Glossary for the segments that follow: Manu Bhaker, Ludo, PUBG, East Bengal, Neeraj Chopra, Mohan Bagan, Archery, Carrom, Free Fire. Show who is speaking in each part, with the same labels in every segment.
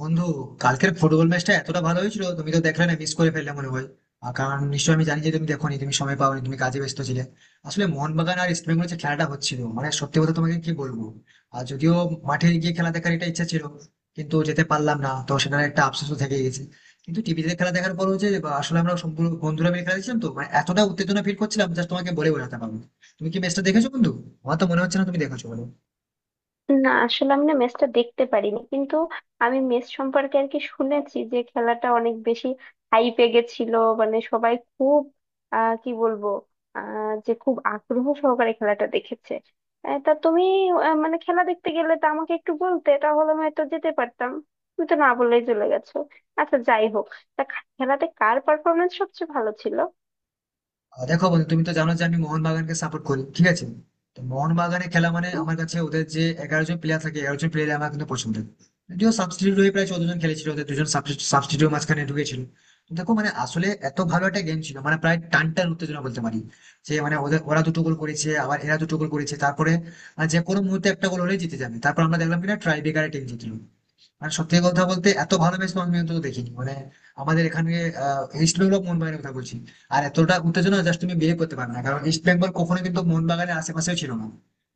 Speaker 1: বন্ধু, কালকের ফুটবল ম্যাচটা এতটা ভালো হয়েছিল তুমি তো দেখলে না, মিস করে ফেললে মনে হয়। আর কারণ নিশ্চয়ই আমি জানি যে তুমি দেখোনি, তুমি সময় পাওনি, তুমি কাজে ব্যস্ত ছিলে। আসলে মোহনবাগান আর ইস্ট বেঙ্গলের যে খেলাটা হচ্ছিল, মানে সত্যি কথা তোমাকে কি বলবো, আর যদিও মাঠে গিয়ে খেলা দেখার একটা ইচ্ছা ছিল, কিন্তু যেতে পারলাম না, তো সেটার একটা আফসোসও থেকে গেছে। কিন্তু টিভিতে খেলা দেখার পর হচ্ছে, আসলে আমরা সম্পূর্ণ বন্ধুরা মিলে খেলা দেখছিলাম, তো মানে এতটা উত্তেজনা ফিল করছিলাম জাস্ট তোমাকে বলে বোঝাতে পারবো না। তুমি কি ম্যাচটা দেখেছো বন্ধু? আমার তো মনে হচ্ছে না তুমি দেখেছো, বলো।
Speaker 2: না, আসলে আমি না ম্যাচটা দেখতে পারিনি, কিন্তু আমি ম্যাচ সম্পর্কে আর কি শুনেছি যে খেলাটা অনেক বেশি হাইপে গেছিল। মানে সবাই খুব কি বলবো, যে খুব আগ্রহ সহকারে খেলাটা দেখেছে। তা তুমি মানে খেলা দেখতে গেলে তা আমাকে একটু বলতে, তাহলে আমি হয়তো যেতে পারতাম। তুমি তো না বলেই চলে গেছো। আচ্ছা, যাই হোক, তা খেলাতে কার পারফরমেন্স সবচেয়ে ভালো ছিল?
Speaker 1: দেখো বন্ধু, তুমি তো জানো যে আমি মোহনবাগানকে সাপোর্ট করি, ঠিক আছে। তো মোহনবাগানে খেলা মানে
Speaker 2: হুম।
Speaker 1: আমার কাছে ওদের যে 11 জন প্লেয়ার থাকে, 11 জন প্লেয়ার আমার কিন্তু পছন্দ। যদিও সাবস্টিটিউট হয়ে প্রায় 14 জন খেলেছিল, ওদের দুজন সাবস্টিটিউট মাঝখানে ঢুকেছিল। তো দেখো মানে আসলে এত ভালো একটা গেম ছিল, মানে প্রায় টান টান উত্তেজনা বলতে পারি। যে মানে ওদের ওরা দুটো গোল করেছে আবার এরা দুটো গোল করেছে, তারপরে যে কোনো মুহূর্তে একটা গোল হলে জিতে যাবে, তারপর আমরা দেখলাম কিনা ট্রাই ব্রেকারে টিম জিতলো। মানে সত্যি কথা বলতে এত ভালোবেসে তোমাকে আমি অন্তত দেখিনি মানে, আমাদের এখানে ইস্ট বেঙ্গল মোহনবাগানের কথা বলছি। আর এতটা উত্তেজনা জাস্ট তুমি বিয়ে করতে পারবে না, কারণ ইস্ট বেঙ্গল কখনো কিন্তু মোহনবাগানের আশেপাশেও ছিল না।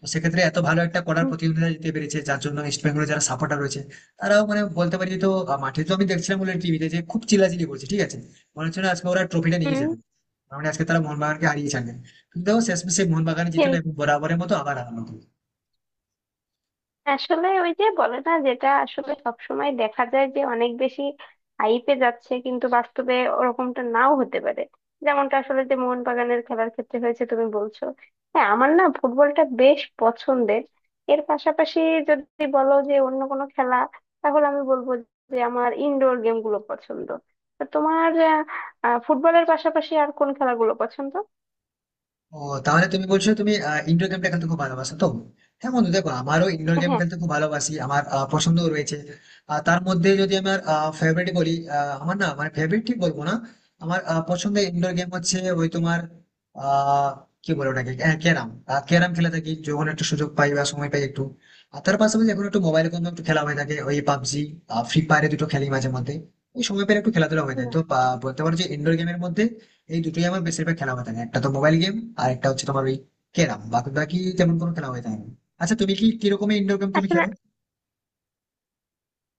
Speaker 1: তো সেক্ষেত্রে এত ভালো একটা করার
Speaker 2: হুম।
Speaker 1: প্রতিযোগিতা জিতে পেরেছে, যার জন্য ইস্ট বেঙ্গলের যারা সাপোর্টার রয়েছে তারাও মানে বলতে পারি, তো মাঠে তো আমি দেখছিলাম বলে টিভিতে যে খুব চিল্লাচিল্লি করছে, ঠিক আছে। মনে হচ্ছে না আজকে ওরা ট্রফিটা নিয়ে যাবে, মানে আজকে তারা মোহনবাগানকে হারিয়ে ছাড়বে। কিন্তু দেখো শেষমেশে মোহনবাগান
Speaker 2: হুম।
Speaker 1: জিতলো এবং বরাবরের মতো আবার হারালো।
Speaker 2: আসলে ওই যে বলে না, যেটা আসলে সবসময় দেখা যায় যে অনেক বেশি হাইপে যাচ্ছে কিন্তু বাস্তবে ওরকমটা নাও হতে পারে, যেমনটা আসলে যে মোহনবাগানের খেলার ক্ষেত্রে হয়েছে তুমি বলছো। হ্যাঁ, আমার না ফুটবলটা বেশ পছন্দের। এর পাশাপাশি যদি বলো যে অন্য কোনো খেলা, তাহলে আমি বলবো যে আমার ইনডোর গেমগুলো পছন্দ। তো তোমার আহ, আহ, ফুটবলের পাশাপাশি আর কোন খেলাগুলো পছন্দ?
Speaker 1: ও, তাহলে তুমি বলছো তুমি ইনডোর গেমটা খেলতে খুব ভালোবাসো, তো হ্যাঁ বন্ধু দেখো, আমারও ইনডোর গেম
Speaker 2: হ্যাঁ।
Speaker 1: খেলতে খুব ভালোবাসি, আমার পছন্দও রয়েছে। আর তার মধ্যে যদি আমার ফেভারিট বলি, আমার না মানে ফেভারিট ঠিক বলবো না, আমার পছন্দের ইনডোর গেম হচ্ছে ওই তোমার আহ কি বলে ওটাকে, ক্যারাম। ক্যারাম খেলে থাকি যখন একটু সুযোগ পাই বা সময় পাই একটু। আর তার পাশাপাশি এখন একটু মোবাইলে কোনো একটু খেলা হয়ে থাকে, ওই পাবজি, ফ্রি ফায়ারে দুটো খেলি মাঝে মধ্যে। ওই সময় পেলে একটু খেলাধুলা হয়ে যায়,
Speaker 2: বাহ।
Speaker 1: তো বলতে পারো যে ইনডোর গেমের মধ্যে এই দুটোই আমার বেশিরভাগ খেলা হয়ে থাকে, একটা তো মোবাইল গেম আর একটা হচ্ছে তোমার ওই ক্যারাম, বাকি বাকি তেমন কোনো খেলা হয়ে থাকে না। আচ্ছা তুমি কি কিরকমের ইনডোর গেম তুমি
Speaker 2: আসলে
Speaker 1: খেলো?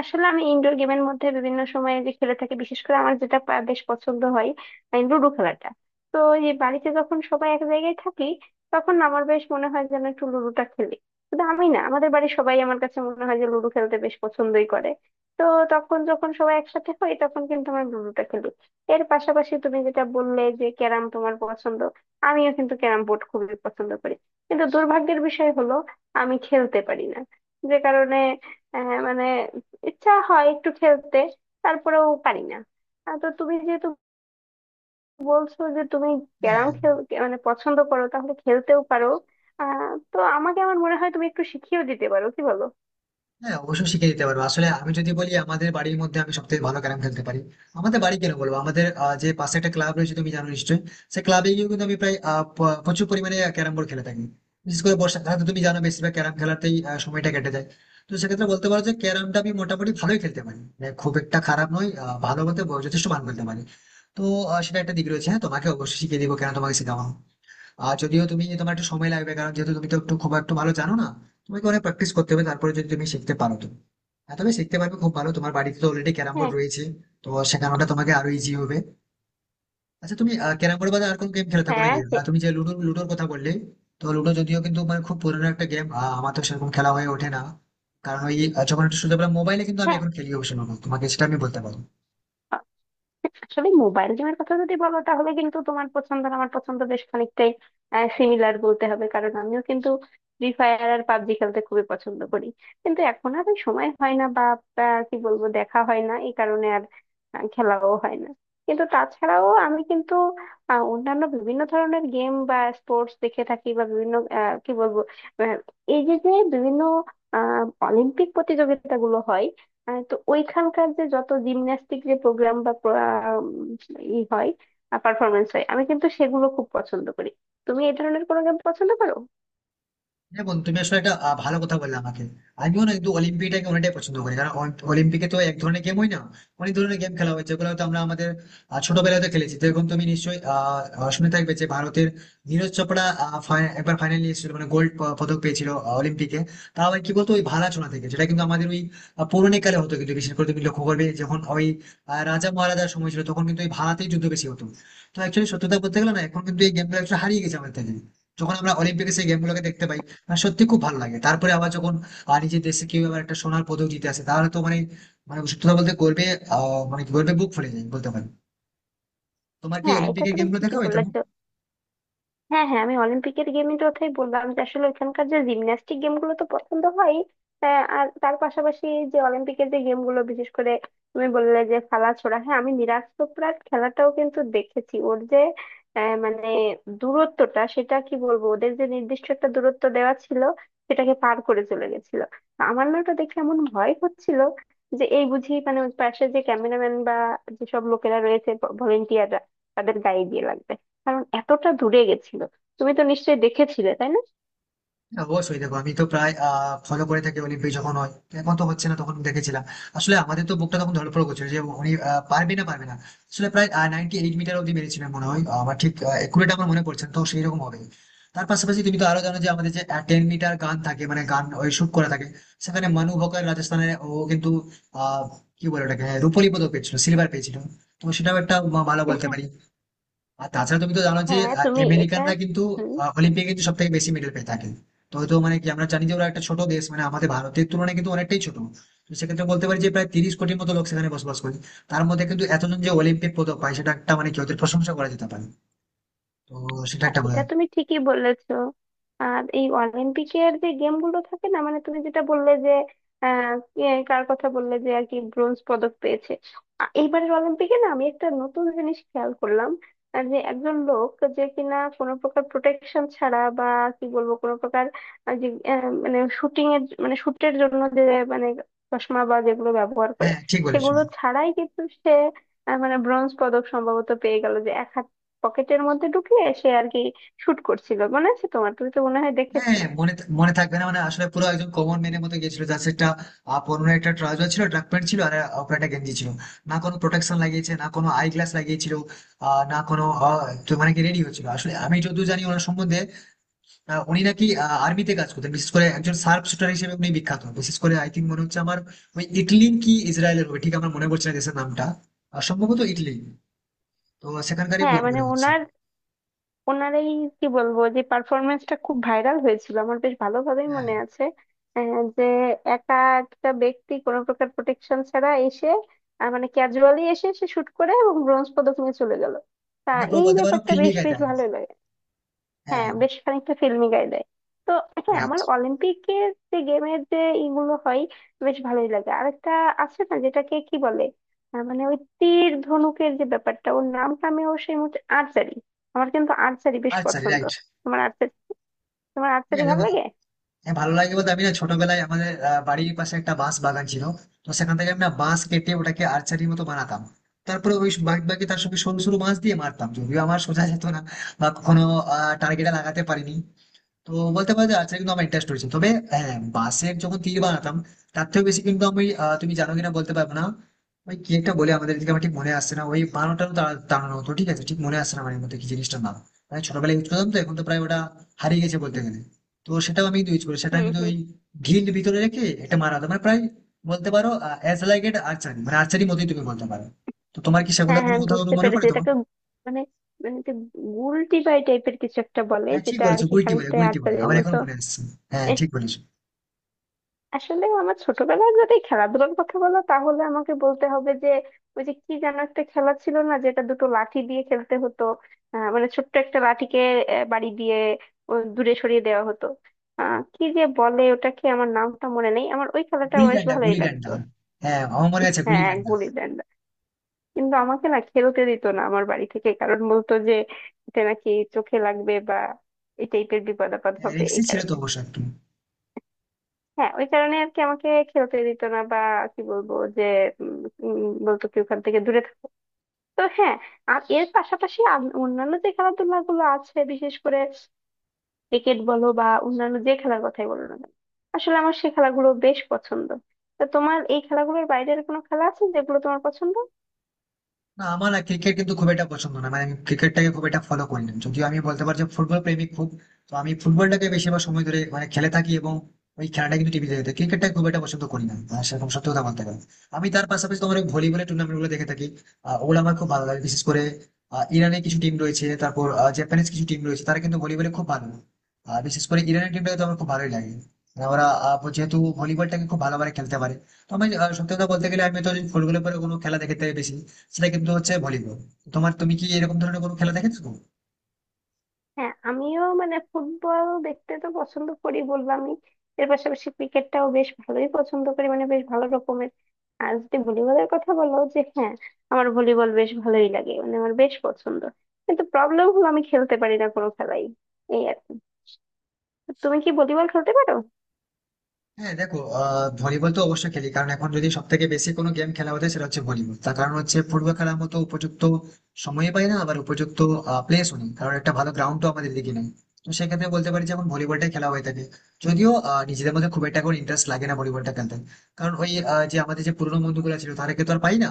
Speaker 2: আসলে আমি ইনডোর গেমের মধ্যে বিভিন্ন সময় যে খেলে থাকি, বিশেষ করে আমার যেটা বেশ পছন্দ হয় এই লুডো খেলাটা। তো এই বাড়িতে যখন সবাই এক জায়গায় থাকি, তখন আমার বেশ মনে হয় যেন একটু লুডোটা খেলি। শুধু আমি না, আমাদের বাড়ির সবাই, আমার কাছে মনে হয় যে লুডো খেলতে বেশ পছন্দই করে। তো তখন যখন সবাই একসাথে হই, তখন কিন্তু আমরা লুডোটা খেলি। এর পাশাপাশি তুমি যেটা বললে যে ক্যারাম তোমার পছন্দ, আমিও কিন্তু ক্যারাম বোর্ড খুবই পছন্দ করি। কিন্তু দুর্ভাগ্যের বিষয় হলো আমি খেলতে পারি না। যে কারণে মানে ইচ্ছা হয় একটু খেলতে, তারপরেও পারি না। তো তুমি যেহেতু বলছো যে তুমি
Speaker 1: হ্যাঁ,
Speaker 2: ক্যারাম খেল, মানে পছন্দ করো, তাহলে খেলতেও পারো। তো আমাকে, আমার মনে হয় তুমি একটু শিখিয়েও দিতে পারো, কি বলো?
Speaker 1: অবশ্যই শিখিয়ে দিতে পারবো। আসলে আমি যদি বলি আমাদের বাড়ির মধ্যে আমি সব থেকে ভালো ক্যারাম খেলতে পারি। আমাদের বাড়ি কেন বলবো, আমাদের যে পাশে একটা ক্লাব রয়েছে তুমি জানো নিশ্চয়ই, সেই ক্লাবে গিয়ে কিন্তু আমি প্রায় প্রচুর পরিমাণে ক্যারাম বোর্ড খেলে থাকি। বিশেষ করে বর্ষাকালে তো তুমি জানো বেশিরভাগ ক্যারাম খেলাতেই সময়টা কেটে যায়। তো সেক্ষেত্রে বলতে পারো যে ক্যারামটা আমি মোটামুটি ভালোই খেলতে পারি, মানে খুব একটা খারাপ নয়, ভালো বলতে যথেষ্ট ভালো খেলতে পারি। তো সেটা একটা দিক রয়েছে, হ্যাঁ তোমাকে অবশ্যই শিখিয়ে দিবো, কেন তোমাকে শেখাবো না। আর যদিও তুমি, তোমার একটু সময় লাগবে, কারণ যেহেতু তুমি তো একটু খুব একটু ভালো জানো না, তোমাকে অনেক প্র্যাকটিস করতে হবে, তারপরে যদি তুমি শিখতে পারো তো হ্যাঁ তুমি শিখতে পারবে খুব ভালো। তোমার বাড়িতে তো অলরেডি ক্যারাম বোর্ড
Speaker 2: হ্যাঁ।
Speaker 1: রয়েছে, তো শেখানোটা তোমাকে আরো ইজি হবে। আচ্ছা তুমি ক্যারাম বোর্ড বাদে আর কোন গেম খেলে থাকো
Speaker 2: হ্যাঁ।
Speaker 1: নাকি?
Speaker 2: হ্যাঁ।
Speaker 1: তুমি যে লুডোর কথা বললে, তো লুডো যদিও কিন্তু মানে খুব পুরোনো একটা গেম, আমার তো সেরকম খেলা হয়ে ওঠে না। কারণ ওই যখন একটু সুযোগ পেলাম মোবাইলে, কিন্তু আমি
Speaker 2: হ্যাঁ,
Speaker 1: এখন খেলি অবশ্য লুডো, তোমাকে সেটা আমি বলতে পারবো।
Speaker 2: আসলে মোবাইল গেমের কথা যদি বলো তাহলে কিন্তু তোমার পছন্দ আর আমার পছন্দ বেশ খানিকটাই সিমিলার বলতে হবে, কারণ আমিও কিন্তু ফ্রি ফায়ার আর পাবজি খেলতে খুবই পছন্দ করি। কিন্তু এখন আর ওই সময় হয় না, বা কি বলবো, দেখা হয় না এই কারণে, আর খেলাও হয় না। কিন্তু তাছাড়াও আমি কিন্তু অন্যান্য বিভিন্ন ধরনের গেম বা স্পোর্টস দেখে থাকি, বা বিভিন্ন কি বলবো, আহ, এই যে যে বিভিন্ন আহ অলিম্পিক প্রতিযোগিতাগুলো হয়, তো ওইখানকার যে যত জিমন্যাস্টিক যে প্রোগ্রাম বা আম, ই হয়, পারফরমেন্স হয়, আমি কিন্তু সেগুলো খুব পছন্দ করি। তুমি এই ধরনের কোনো গেম পছন্দ করো?
Speaker 1: হ্যাঁ বন্ধু তুমি আসলে একটা ভালো কথা বললে আমাকে। আমিও না কিন্তু অলিম্পিকটাকে অনেকটাই পছন্দ করি, কারণ অলিম্পিকে তো এক ধরনের গেম হয় না, অনেক ধরনের গেম খেলা হয়, যেগুলো হয়তো আমরা আমাদের ছোটবেলায় তো খেলেছি। যেরকম তুমি নিশ্চয়ই আহ, আহ, শুনে থাকবে যে ভারতের নীরজ চোপড়া একবার ফাইনাল এসেছিল, মানে গোল্ড পদক পেয়েছিল অলিম্পিকে। তাও আবার কি বলতো ওই ভালা ছোঁড়া থেকে, যেটা কিন্তু আমাদের ওই পৌরাণিক কালে হতো, কিন্তু বিশেষ করে তুমি লক্ষ্য করবে যখন ওই রাজা মহারাজার সময় ছিল তখন কিন্তু ওই ভালাতেই যুদ্ধ বেশি হতো। তো অ্যাকচুয়ালি সত্যতা বলতে গেলে না, এখন কিন্তু এই গেমগুলো হারিয়ে গেছে আমাদের থেকে। যখন আমরা অলিম্পিকে সেই গেমগুলোকে দেখতে পাই, আর সত্যি খুব ভালো লাগে। তারপরে আবার যখন নিজের দেশে কেউ আবার একটা সোনার পদক জিতে আসে তাহলে তো মানে, মানে সত্যি কথা বলতে গর্বে আহ মানে গর্বে বুক ফুলে যায় বলতে পারি। তোমার কি
Speaker 2: হ্যাঁ, এটা
Speaker 1: অলিম্পিকের
Speaker 2: তুমি
Speaker 1: গেমগুলো
Speaker 2: ঠিকই
Speaker 1: দেখা হয় তেমন?
Speaker 2: বলেছ। হ্যাঁ, হ্যাঁ, আমি অলিম্পিকের গেমের কথাই বললাম যে আসলে ওইখানকার যে জিমন্যাস্টিক গেমগুলো তো পছন্দ হয়। আর তার পাশাপাশি যে অলিম্পিকের যে গেমগুলো বিশেষ করে তুমি বললে যে খালা ছোড়া, হ্যাঁ, আমি নিরাজ চোপড়ার খেলাটাও কিন্তু দেখেছি। ওর যে মানে দূরত্বটা সেটা কি বলবো, ওদের যে নির্দিষ্ট একটা দূরত্ব দেওয়া ছিল সেটাকে পার করে চলে গেছিল। আমার না ওটা দেখে এমন ভয় হচ্ছিল যে এই বুঝি মানে ওর পাশে যে ক্যামেরাম্যান বা যেসব লোকেরা রয়েছে, ভলেন্টিয়াররা, তাদের গায়ে দিয়ে লাগবে, কারণ এতটা দূরে গেছিল। তুমি তো নিশ্চয়ই দেখেছিলে, তাই না?
Speaker 1: হ্যাঁ, অবশ্যই দেখো, আমি তো প্রায় ফলো করে থাকি অলিম্পিক যখন হয়। এখন তো হচ্ছে না, তখন দেখেছিলাম। আসলে আমাদের তো বুকটা তখন ধড়ফড় করছিল যে উনি পারবে না পারবে না। আসলে প্রায় 98 মিটার অব্দি মেরেছিলেন মনে হয়, আমার ঠিক একুরেট আমার মনে পড়ছে না, তো সেই রকম হবে। তার পাশাপাশি তুমি তো আরো জানো যে আমাদের যে 10 মিটার গান থাকে, মানে গান ওই শুট করা থাকে, সেখানে মানু বকার রাজস্থানে, ও কিন্তু আহ কি বলে ওটাকে, হ্যাঁ, রূপোলি পদক পেয়েছিল, সিলভার পেয়েছিল। তো সেটাও একটা ভালো বলতে পারি। আর তাছাড়া তুমি তো জানো যে
Speaker 2: হ্যাঁ তুমি এটা
Speaker 1: আমেরিকানরা কিন্তু অলিম্পিকে কিন্তু সব থেকে বেশি মেডেল পেয়ে থাকে। তো হয়তো মানে কি আমরা জানি যে ওরা একটা ছোট দেশ, মানে আমাদের ভারতের তুলনায় কিন্তু অনেকটাই ছোট। তো সেক্ষেত্রে বলতে পারি যে প্রায় 30 কোটির মতো লোক সেখানে বসবাস করে, তার মধ্যে কিন্তু এতজন যে অলিম্পিক পদক পায়, সেটা একটা মানে কি ওদের প্রশংসা করা যেতে পারে। তো সেটা
Speaker 2: হ্যাঁ,
Speaker 1: একটা বলে।
Speaker 2: এটা তুমি ঠিকই বলেছো। আর এই অলিম্পিকের যে গেম গুলো থাকে না, মানে তুমি যেটা বললে যে কে, কার কথা বললে যে আর কি ব্রোঞ্জ পদক পেয়েছে। এইবারের অলিম্পিকে না আমি একটা নতুন জিনিস খেয়াল করলাম, যে একজন লোক, যে কিনা কোনো প্রকার প্রোটেকশন ছাড়া বা কি বলবো কোনো প্রকার আহ, যে মানে শুটিং এর, মানে শুটের জন্য যে, মানে চশমা বা যেগুলো ব্যবহার করে
Speaker 1: হ্যাঁ ঠিক বলেছো।
Speaker 2: সেগুলো ছাড়াই কিন্তু সে মানে ব্রোঞ্জ পদক সম্ভবত পেয়ে গেল। যে এক পকেটের মধ্যে ঢুকিয়ে সে আর কি শুট করছিল, মনে আছে তোমার? তুমি তো মনে হয়
Speaker 1: হ্যাঁ
Speaker 2: দেখেছো।
Speaker 1: মনে থাকবে না, মানে আসলে পুরো একজন কমন ম্যানের মতো গেছিল, যার একটা পুরোনো একটা ট্রাউজার ছিল, ট্রাক প্যান্ট ছিল, আর উপরে একটা গেঞ্জি ছিল। না কোনো প্রোটেকশন লাগিয়েছে, না কোনো আই গ্লাস লাগিয়েছিল, আহ, না কোনো আহ, তো মানে কি রেডি হচ্ছিল। আসলে আমি যতদূর জানি ওনার সম্বন্ধে, উনি নাকি আর্মিতে কাজ করতেন, বিশেষ করে একজন শার্প শুটার হিসেবে উনি বিখ্যাত, বিশেষ করে আই থিঙ্ক মনে হচ্ছে আমার, ওই ইটলি কি ইসরায়েলের হবে, ঠিক আমার মনে পড়ছে না দেশের নামটা, সম্ভবত ইটলি। তো সেখানকারই
Speaker 2: হ্যাঁ,
Speaker 1: লোক
Speaker 2: মানে
Speaker 1: মনে হচ্ছে।
Speaker 2: ওনার, ওনার এই কি বলবো যে পারফরমেন্সটা খুব ভাইরাল হয়েছিল, আমার বেশ ভালোভাবেই
Speaker 1: হ্যাঁ
Speaker 2: মনে আছে। যে একা, একটা ব্যক্তি কোনো প্রকার প্রোটেকশন ছাড়া এসে মানে ক্যাজুয়ালি এসে সে শুট করে এবং ব্রোঞ্জ পদক নিয়ে চলে গেল। তা
Speaker 1: মানে পুরো
Speaker 2: এই
Speaker 1: বলতে পারো
Speaker 2: ব্যাপারটা
Speaker 1: ফিল্মি
Speaker 2: বেশ
Speaker 1: গাইতে।
Speaker 2: বেশ ভালোই লাগে। হ্যাঁ,
Speaker 1: হ্যাঁ
Speaker 2: বেশ খানিকটা ফিল্মি গায়ে দেয়। তো হ্যাঁ,
Speaker 1: রাইট।
Speaker 2: আমার অলিম্পিকের যে গেমের যে ইগুলো হয় বেশ ভালোই লাগে। আরেকটা আছে না, যেটাকে কি বলে, মানে ওই তীর ধনুকের যে ব্যাপারটা, ওর নামটা আমি ও সেই মুহূর্তে, আর্চারি। আমার কিন্তু আর্চারি বেশ
Speaker 1: আচ্ছা
Speaker 2: পছন্দ।
Speaker 1: রাইট।
Speaker 2: তোমার আর্চারি তোমার আর্চারি
Speaker 1: হ্যাঁ
Speaker 2: ভালো
Speaker 1: দেখো,
Speaker 2: লাগে?
Speaker 1: হ্যাঁ, ভালো লাগে বলতে আমি না ছোটবেলায় আমাদের বাড়ির পাশে একটা বাঁশ বাগান ছিল, তো সেখান থেকে আমি না বাঁশ কেটে ওটাকে আর্চারির মতো বানাতাম। তারপরে ওই বাদ বাকি তার সঙ্গে সরু সরু বাঁশ দিয়ে মারতাম, যদিও আমার সোজা যেত না বা কখনো টার্গেটে লাগাতে পারিনি। তো বলতে পারো যে আর্চারি কিন্তু আমার ইন্টারেস্ট রয়েছে, তবে হ্যাঁ বাঁশের যখন তীর বানাতাম তার থেকে বেশি কিন্তু আমি তুমি জানো কিনা বলতে পারবো না, ওই কি একটা বলে আমাদের এদিকে, আমার ঠিক মনে আসছে না ওই বানোটা টানানো হতো, ঠিক আছে, ঠিক মনে আসছে না মানে মধ্যে কি জিনিসটার নাম, মানে ছোটবেলায় ইউজ করতাম, তো এখন তো প্রায় ওটা হারিয়ে গেছে বলতে গেলে। তো সেটাও আমি ইউজ করি, সেটা
Speaker 2: হুম।
Speaker 1: কিন্তু
Speaker 2: হুম।
Speaker 1: ওই ঢিল ভিতরে রেখে এটা মারা হতো, মানে প্রায় বলতে পারো অ্যাজ লাইক এট আর্চারি, মানে আর্চারি মতোই তুমি বলতে পারো। তো তোমার কি
Speaker 2: হ্যাঁ,
Speaker 1: সেগুলোর
Speaker 2: হ্যাঁ,
Speaker 1: কোনো
Speaker 2: আমি
Speaker 1: কোথাও কোনো
Speaker 2: বুঝতে
Speaker 1: মনে
Speaker 2: পেরেছি
Speaker 1: পড়ে তোমার?
Speaker 2: এটাকে। মানে মানে যে গুলটি বাই টাইপের কিছু একটা বলে,
Speaker 1: হ্যাঁ ঠিক
Speaker 2: যেটা আর
Speaker 1: বলেছো,
Speaker 2: কি
Speaker 1: গুলটি বলে,
Speaker 2: খানিকটা
Speaker 1: গুলটি বলে
Speaker 2: আর্চারির
Speaker 1: আমার এখন
Speaker 2: মতো।
Speaker 1: মনে আসছে। হ্যাঁ ঠিক বলেছো।
Speaker 2: আসলে আমার ছোটবেলায় যদি এই খেলাধুলার কথা বলো তাহলে আমাকে বলতে হবে যে ওই যে কি যেন একটা খেলা ছিল না, যেটা দুটো লাঠি দিয়ে খেলতে হতো। মানে ছোট্ট একটা লাঠিকে বাড়ি দিয়ে ও দূরে সরিয়ে দেওয়া হতো। কি যে বলে ওটাকে, আমার নামটা মনে নেই, আমার ওই খেলাটা
Speaker 1: গুলি
Speaker 2: বেশ
Speaker 1: ডান্ডা
Speaker 2: ভালোই
Speaker 1: গুলি
Speaker 2: লাগতো।
Speaker 1: ডান্ডা, হ্যাঁ আমার মনে আছে, গুলি
Speaker 2: হ্যাঁ,
Speaker 1: ডান্ডা।
Speaker 2: গুলি ডান্ডা। কিন্তু আমাকে না খেলতে দিত না আমার বাড়ি থেকে, কারণ বলতো যে এটা নাকি চোখে লাগবে বা এই টাইপের বিপদ আপদ
Speaker 1: হ্যাঁ
Speaker 2: হবে
Speaker 1: রিক্সি
Speaker 2: এই
Speaker 1: ছিল তো
Speaker 2: কারণে।
Speaker 1: অবশ্য একটু।
Speaker 2: হ্যাঁ, ওই কারণে আর কি আমাকে খেলতে দিত না, বা কি বলবো যে উম, উম, বলতো কি ওখান থেকে দূরে থাকো। তো হ্যাঁ, আর এর পাশাপাশি অন্যান্য যে খেলাধুলা গুলো আছে, বিশেষ করে ক্রিকেট বলো বা অন্যান্য যে খেলার কথাই বলো না কেন, আসলে আমার সেই খেলাগুলো বেশ পছন্দ। তো তোমার এই খেলাগুলোর বাইরের কোনো খেলা আছে যেগুলো তোমার পছন্দ?
Speaker 1: না আমার না ক্রিকেট কিন্তু খুব একটা পছন্দ না, মানে আমি ক্রিকেটটাকে খুব একটা ফলো করি না, যদিও আমি বলতে পারছি ফুটবল প্রেমিক খুব। তো আমি ফুটবলটাকে বেশিরভাগ সময় ধরে মানে খেলে থাকি, এবং ওই খেলাটা কিন্তু টিভিতে দেখতে, ক্রিকেটটা খুব একটা পছন্দ করি না, আর সেরকম সত্যি কথা বলতে গেলে। আমি তার পাশাপাশি তোমার ওই ভলিবলের টুর্নামেন্ট গুলো দেখে থাকি, ওগুলো আমার খুব ভালো লাগে, বিশেষ করে ইরানের কিছু টিম রয়েছে, তারপর জাপানিজ কিছু টিম রয়েছে, তারা কিন্তু ভলিবলে খুব ভালো। আর বিশেষ করে ইরানের টিমটাকে তো আমার খুব ভালোই লাগে, মানে ওরা যেহেতু ভলিবলটাকে খুব ভালোভাবে খেলতে পারে। তো আমি সত্যি কথা বলতে গেলে আমি তো ফুটবলের পরে কোনো খেলা দেখে থাকি বেশি, সেটা কিন্তু হচ্ছে ভলিবল। তোমার, তুমি কি এরকম ধরনের কোনো খেলা দেখেছো?
Speaker 2: হ্যাঁ, আমিও মানে ফুটবল দেখতে তো পছন্দ করি, বললামই। এর পাশাপাশি ক্রিকেটটাও বেশ ভালোই পছন্দ করি, মানে বেশ ভালো রকমের। আর যদি ভলিবলের কথা বলো, যে হ্যাঁ, আমার ভলিবল বেশ ভালোই লাগে, মানে আমার বেশ পছন্দ। কিন্তু প্রবলেম হলো আমি খেলতে পারি না কোনো খেলাই, এই আর কি। তুমি কি ভলিবল খেলতে পারো?
Speaker 1: হ্যাঁ দেখো ভলিবল তো অবশ্যই খেলি, কারণ এখন যদি সব থেকে বেশি কোনো গেম খেলা হতো সেটা হচ্ছে ভলিবল। তার কারণ হচ্ছে ফুটবল খেলার মতো উপযুক্ত সময় পাই না, আবার উপযুক্ত প্লেসও নেই, কারণ একটা ভালো গ্রাউন্ড তো আমাদের দিকে নেই। তো সেক্ষেত্রে বলতে পারি যে এখন ভলিবলটাই খেলা হয়ে থাকে। যদিও নিজেদের মধ্যে খুব একটা কোনো ইন্টারেস্ট লাগে না ভলিবলটা খেলতে, কারণ ওই যে আমাদের যে পুরোনো বন্ধুগুলো ছিল তাদেরকে তো আর পাই না।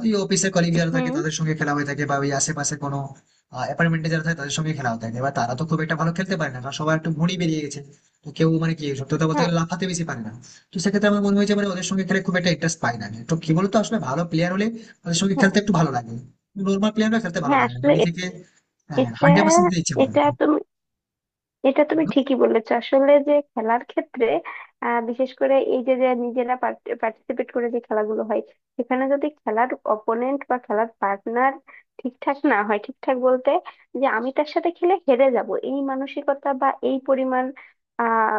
Speaker 1: ওই অফিসের কলিগ যারা থাকে
Speaker 2: হুম।
Speaker 1: তাদের সঙ্গে খেলা হয়ে থাকে, বা ওই আশেপাশে কোনো অ্যাপার্টমেন্টে যারা থাকে তাদের সঙ্গে খেলা হয়ে থাকে। এবার তারা তো খুব একটা ভালো খেলতে পারে না, কারণ সবার একটু ভুঁড়ি বেরিয়ে গেছে, তো কেউ মানে কি সত্যি কথা বলতে
Speaker 2: হ্যাঁ।
Speaker 1: গেলে লাফাতে বেশি পারে না। তো সেক্ষেত্রে আমার মনে হয়েছে মানে ওদের সঙ্গে খেলে খুব একটা ইন্টারেস্ট পাই না আমি। তো কি বলতো আসলে ভালো প্লেয়ার হলে ওদের সঙ্গে
Speaker 2: হ্যাঁ।
Speaker 1: খেলতে একটু ভালো লাগে, নর্মাল প্লেয়াররা খেলতে ভালো
Speaker 2: হ্যাঁ।
Speaker 1: লাগে না, মানে নিজেকে
Speaker 2: এটা
Speaker 1: 100% দিতে ইচ্ছে করে না।
Speaker 2: এটা তুমি এটা তুমি ঠিকই বলেছো। আসলে যে খেলার ক্ষেত্রে বিশেষ করে এই যে যে নিজেরা পার্টিসিপেট করে যে খেলাগুলো হয়, সেখানে যদি খেলার অপোনেন্ট বা খেলার পার্টনার ঠিকঠাক না হয়, ঠিকঠাক বলতে যে আমি তার সাথে খেলে হেরে যাব এই মানসিকতা বা এই পরিমাণ আহ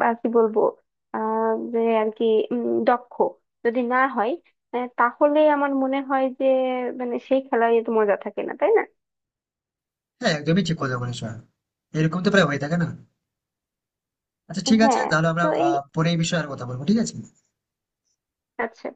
Speaker 2: বা কি বলবো, যে আর কি, দক্ষ যদি না হয়, তাহলে আমার মনে হয় যে মানে সেই খেলায় তো মজা থাকে না, তাই না?
Speaker 1: হ্যাঁ একদমই ঠিক কথা বলেছো, এরকম তো প্রায় হয়ে থাকে না। আচ্ছা ঠিক আছে,
Speaker 2: হ্যাঁ,
Speaker 1: তাহলে আমরা
Speaker 2: তো এই,
Speaker 1: পরে এই বিষয়ে আর কথা বলবো, ঠিক আছে।
Speaker 2: আচ্ছা।